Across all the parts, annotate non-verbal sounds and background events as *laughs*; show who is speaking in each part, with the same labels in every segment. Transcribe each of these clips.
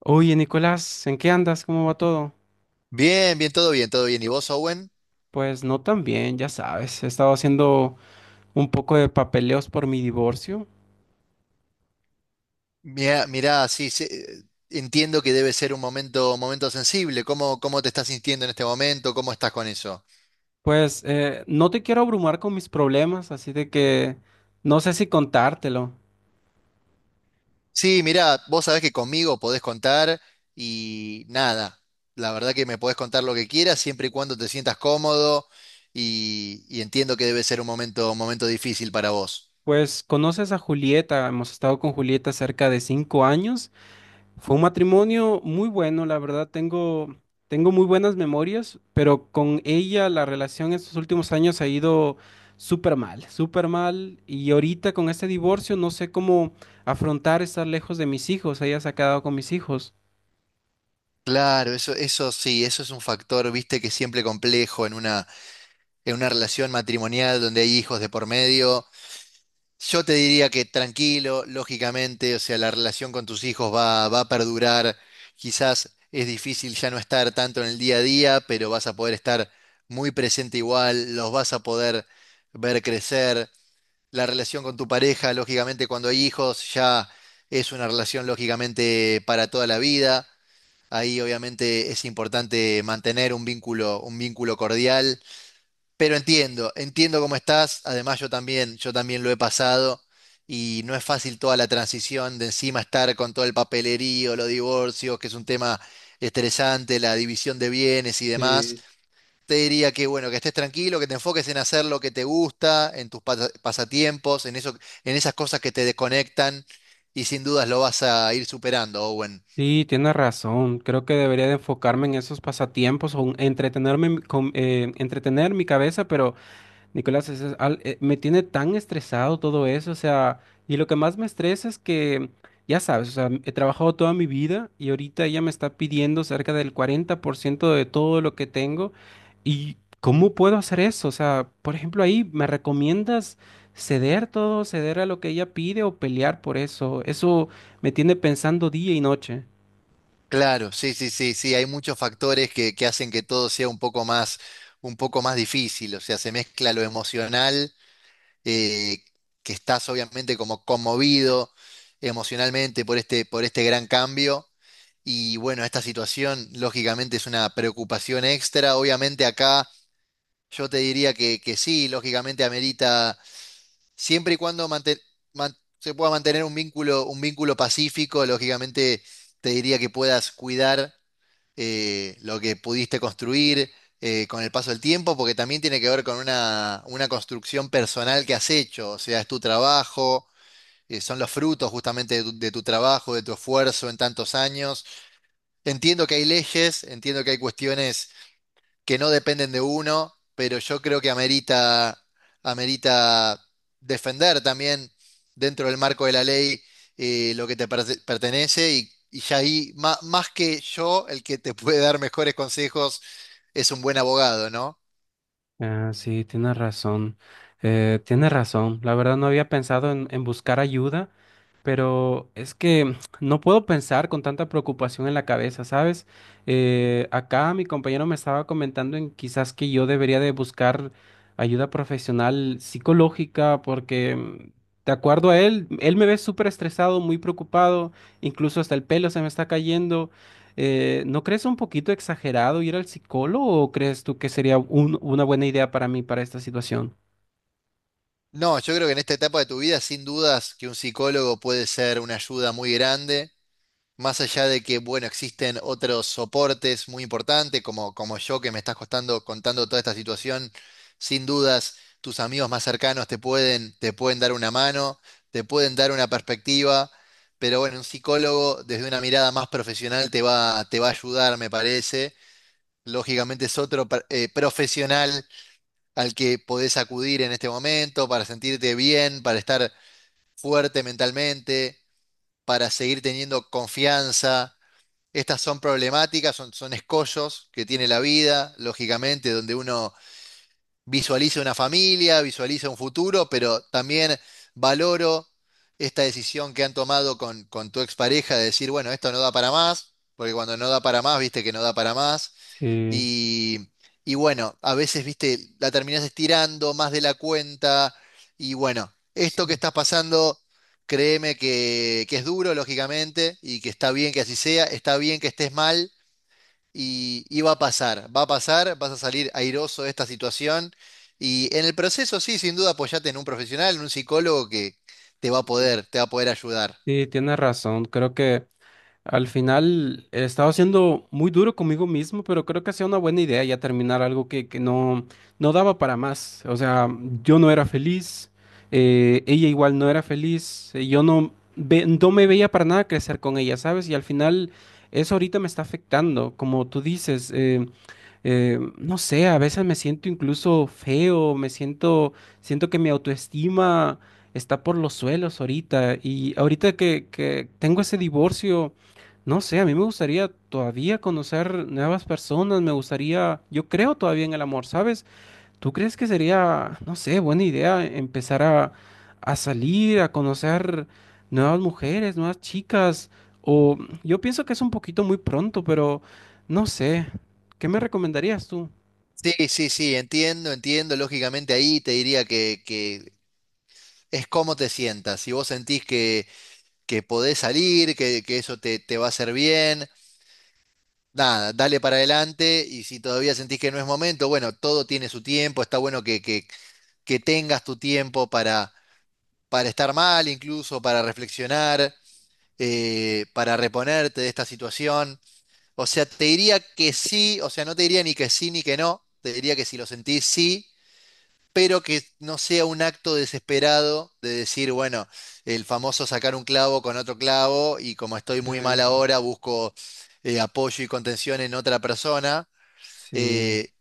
Speaker 1: Oye, Nicolás, ¿en qué andas? ¿Cómo va todo?
Speaker 2: Bien, bien, todo bien, todo bien. ¿Y vos, Owen?
Speaker 1: Pues no tan bien, ya sabes. He estado haciendo un poco de papeleos por mi divorcio.
Speaker 2: Mirá, mirá, sí, sí, entiendo que debe ser un momento sensible. ¿Cómo te estás sintiendo en este momento? ¿Cómo estás con eso?
Speaker 1: Pues no te quiero abrumar con mis problemas, así de que no sé si contártelo.
Speaker 2: Sí, mirá, vos sabés que conmigo podés contar y nada. La verdad que me podés contar lo que quieras siempre y cuando te sientas cómodo y entiendo que debe ser un momento difícil para vos.
Speaker 1: Pues conoces a Julieta, hemos estado con Julieta cerca de 5 años. Fue un matrimonio muy bueno, la verdad, tengo muy buenas memorias, pero con ella la relación en estos últimos años ha ido súper mal, y ahorita con este divorcio no sé cómo afrontar estar lejos de mis hijos, ella se ha quedado con mis hijos.
Speaker 2: Claro, eso sí, eso es un factor, viste, que es siempre complejo en una relación matrimonial donde hay hijos de por medio. Yo te diría que tranquilo, lógicamente, o sea, la relación con tus hijos va a perdurar. Quizás es difícil ya no estar tanto en el día a día, pero vas a poder estar muy presente igual, los vas a poder ver crecer. La relación con tu pareja, lógicamente, cuando hay hijos, ya es una relación, lógicamente, para toda la vida. Ahí, obviamente, es importante mantener un vínculo cordial pero entiendo, entiendo cómo estás. Además, yo también lo he pasado y no es fácil toda la transición de encima estar con todo el papelerío, los divorcios, que es un tema estresante, la división de bienes y demás.
Speaker 1: Sí,
Speaker 2: Te diría que bueno, que estés tranquilo, que te enfoques en hacer lo que te gusta, en tus pasatiempos, en eso, en esas cosas que te desconectan y sin dudas lo vas a ir superando, Owen.
Speaker 1: sí, tienes razón, creo que debería de enfocarme en esos pasatiempos o en entretenerme, en entretener mi cabeza, pero... Nicolás, me tiene tan estresado todo eso, o sea, y lo que más me estresa es que, ya sabes, o sea, he trabajado toda mi vida y ahorita ella me está pidiendo cerca del 40% de todo lo que tengo. Y ¿cómo puedo hacer eso? O sea, por ejemplo, ahí, ¿me recomiendas ceder todo, ceder a lo que ella pide o pelear por eso? Eso me tiene pensando día y noche.
Speaker 2: Claro, sí, sí, sí, sí, hay muchos factores que hacen que todo sea un poco más difícil, o sea, se mezcla lo emocional, eh, que estás obviamente como conmovido emocionalmente por este gran cambio, y bueno, esta situación lógicamente es una preocupación extra. Obviamente acá yo te diría que sí, lógicamente amerita siempre y cuando se pueda mantener un vínculo pacífico. Lógicamente te diría que puedas cuidar lo que pudiste construir con el paso del tiempo, porque también tiene que ver con una construcción personal que has hecho, o sea, es tu trabajo, son los frutos justamente de tu trabajo, de tu esfuerzo en tantos años. Entiendo que hay leyes, entiendo que hay cuestiones que no dependen de uno, pero yo creo que amerita, amerita defender también dentro del marco de la ley lo que te pertenece y ya ahí, más, que yo, el que te *laughs* puede dar mejores consejos es un buen abogado, ¿no?
Speaker 1: Ah, sí, tienes razón. Tienes razón. La verdad no había pensado en buscar ayuda, pero es que *sniffs* *tsk* no puedo pensar con tanta preocupación en la cabeza, ¿sabes? Acá mi compañero me estaba comentando en quizás que yo debería de buscar ayuda profesional psicológica porque, de acuerdo a él, él me ve súper estresado, muy preocupado, incluso hasta el pelo se me está cayendo. ¿No crees un poquito exagerado ir al psicólogo o crees tú que sería una buena idea para mí para esta situación?
Speaker 2: No, yo creo que en esta etapa de tu vida, sin dudas, que un psicólogo puede ser una ayuda muy grande. Más allá de que, bueno, existen otros soportes muy importantes, como, como yo que me estás contando toda esta situación, sin dudas tus amigos más cercanos te pueden dar una mano, te pueden dar una perspectiva, pero bueno, un psicólogo desde una mirada más profesional te va a ayudar, me parece. Lógicamente es otro profesional al que podés acudir en este momento para sentirte bien, para estar fuerte mentalmente, para seguir teniendo confianza. Estas son problemáticas, son, son escollos que tiene la vida, lógicamente, donde uno visualiza una familia, visualiza un futuro, pero también valoro esta decisión que han tomado con tu expareja de decir, bueno, esto no da para más, porque cuando no da para más, viste que no da para más.
Speaker 1: Sí,
Speaker 2: Y, y bueno, a veces, viste, la terminás estirando más de la cuenta. Y bueno, esto que
Speaker 1: sí.
Speaker 2: estás pasando, créeme que es duro, lógicamente, y que está bien que así sea, está bien que estés mal, y va a pasar, vas a salir airoso de esta situación y en el proceso sí, sin duda apoyate en un profesional, en un psicólogo que te va a poder, te va a poder ayudar.
Speaker 1: Sí, tienes razón. Creo que al final he estado siendo muy duro conmigo mismo, pero creo que hacía una buena idea ya terminar algo que no daba para más. O sea, yo no era feliz, ella igual no era feliz, yo no, ve- no me veía para nada crecer con ella, ¿sabes? Y al final eso ahorita me está afectando, como tú dices. No sé, a veces me siento incluso feo, siento que mi autoestima está por los suelos ahorita. Y ahorita que tengo ese divorcio, no sé, a mí me gustaría todavía conocer nuevas personas, me gustaría, yo creo todavía en el amor, ¿sabes? ¿Tú crees que sería, no sé, buena idea empezar a salir, a conocer nuevas mujeres, nuevas chicas? O yo pienso que es un poquito muy pronto, pero no sé. ¿Qué me recomendarías tú?
Speaker 2: Sí, sí, sí, entiendo, entiendo. Lógicamente ahí te diría que es cómo te sientas. Si vos sentís que podés salir, que eso te, te va a hacer bien, nada, dale para adelante. Y si todavía sentís que no es momento, bueno, todo tiene su tiempo. Está bueno que tengas tu tiempo para estar mal incluso, para reflexionar, para reponerte de esta situación. O sea, te diría que sí, o sea, no te diría ni que sí ni que no, te diría que si lo sentís sí, pero que no sea un acto desesperado de decir, bueno, el famoso sacar un clavo con otro clavo y como estoy
Speaker 1: Sí,
Speaker 2: muy mal ahora, busco apoyo y contención en otra persona.
Speaker 1: sí,
Speaker 2: Eh,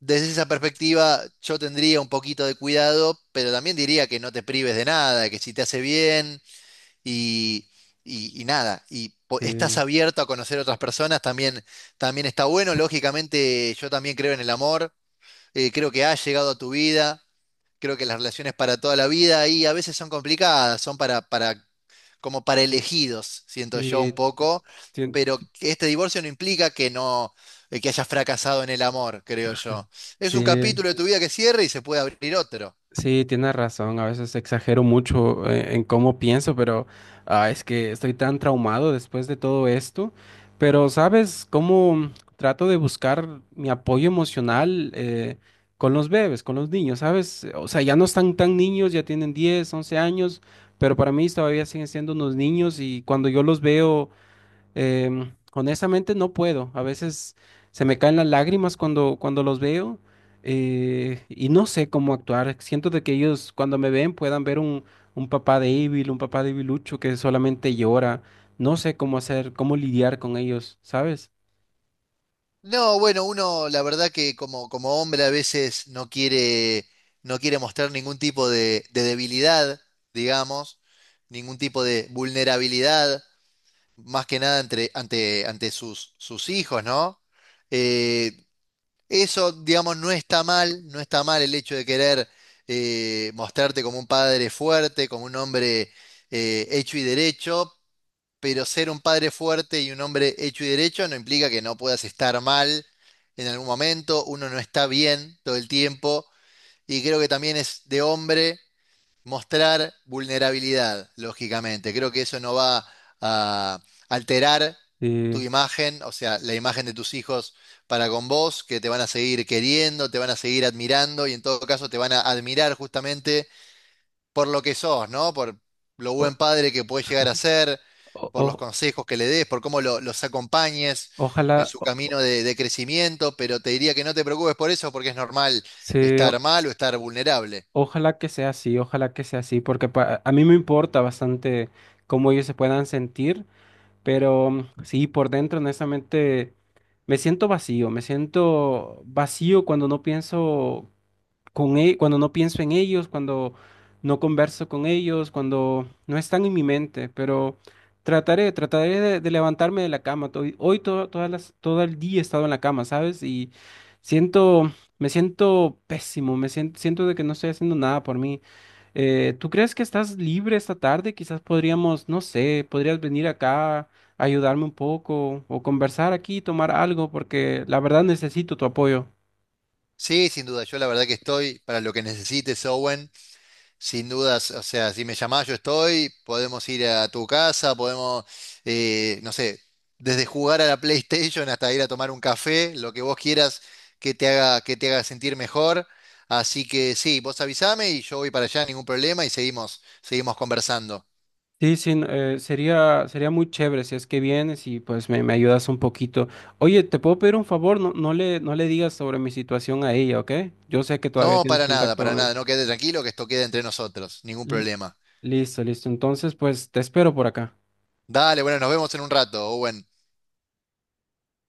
Speaker 2: desde esa perspectiva yo tendría un poquito de cuidado, pero también diría que no te prives de nada, que si te hace bien, y, y nada,
Speaker 1: sí.
Speaker 2: estás abierto a conocer otras personas, también, también está bueno. Lógicamente, yo también creo en el amor, creo que ha llegado a tu vida, creo que las relaciones para toda la vida y a veces son complicadas, son para, como para elegidos, siento yo
Speaker 1: Y
Speaker 2: un poco,
Speaker 1: tien-
Speaker 2: pero que este divorcio no implica que no, que hayas fracasado en el amor, creo yo. Es un
Speaker 1: sí.
Speaker 2: capítulo de tu vida que cierra y se puede abrir otro.
Speaker 1: Sí, tienes razón, a veces exagero mucho en cómo pienso, pero ah, es que estoy tan traumado después de todo esto. Pero, ¿sabes cómo trato de buscar mi apoyo emocional con los bebés, con los niños? ¿Sabes? O sea, ya no están tan niños, ya tienen 10, 11 años, pero para mí todavía siguen siendo unos niños y cuando yo los veo... Honestamente no puedo. A veces se me caen las lágrimas cuando los veo y no sé cómo actuar. Siento de que ellos cuando me ven puedan ver un papá débil, un papá debilucho que solamente llora. No sé cómo hacer, cómo lidiar con ellos, ¿sabes?
Speaker 2: No, bueno, uno la verdad que como, como hombre a veces no quiere, no quiere mostrar ningún tipo de debilidad, digamos, ningún tipo de vulnerabilidad, más que nada ante sus, sus hijos, ¿no? Eh, eso, digamos, no está mal, no está mal el hecho de querer mostrarte como un padre fuerte, como un hombre hecho y derecho, pero ser un padre fuerte y un hombre hecho y derecho no implica que no puedas estar mal en algún momento, uno no está bien todo el tiempo, y creo que también es de hombre mostrar vulnerabilidad, lógicamente. Creo que eso no va a alterar tu
Speaker 1: Eh,
Speaker 2: imagen, o sea, la imagen de tus hijos para con vos, que te van a seguir queriendo, te van a seguir admirando y en todo caso te van a admirar justamente por lo que sos, ¿no? Por lo
Speaker 1: o-
Speaker 2: buen padre que puedes llegar a ser,
Speaker 1: o-
Speaker 2: por los
Speaker 1: o-
Speaker 2: consejos que le des, por cómo los acompañes en
Speaker 1: Ojalá,
Speaker 2: su camino de crecimiento, pero te diría que no te preocupes por eso porque es normal
Speaker 1: se- o-
Speaker 2: estar mal o estar vulnerable.
Speaker 1: ojalá que sea así, ojalá que sea así, porque a mí me importa bastante cómo ellos se puedan sentir. Pero sí, por dentro, honestamente, me siento vacío cuando no pienso cuando no pienso en ellos, cuando no converso con ellos, cuando no están en mi mente, pero trataré de levantarme de la cama. To- Hoy, todo, todas las, Todo el día he estado en la cama, ¿sabes? Y siento, me siento pésimo, siento de que no estoy haciendo nada por mí. ¿Tú crees que estás libre esta tarde? Quizás podríamos, no sé, podrías venir acá, ayudarme un poco o conversar aquí, tomar algo, porque la verdad necesito tu apoyo.
Speaker 2: Sí, sin duda, yo la verdad que estoy para lo que necesites, Owen. Sin dudas, o sea, si me llamás yo estoy, podemos ir a tu casa, podemos, no sé, desde jugar a la PlayStation hasta ir a tomar un café, lo que vos quieras que te haga sentir mejor. Así que sí, vos avísame y yo voy para allá, ningún problema, y seguimos, seguimos conversando.
Speaker 1: Sí, sí, no, sería muy chévere si es que vienes y pues me ayudas un poquito. Oye, ¿te puedo pedir un favor? No le digas sobre mi situación a ella, ¿ok? Yo sé que todavía
Speaker 2: No,
Speaker 1: tienes contacto
Speaker 2: para
Speaker 1: con
Speaker 2: nada,
Speaker 1: él.
Speaker 2: no quede tranquilo que esto quede entre nosotros, ningún
Speaker 1: L-
Speaker 2: problema.
Speaker 1: Listo, listo. Entonces, pues te espero por acá.
Speaker 2: Dale, bueno, nos vemos en un rato, Owen.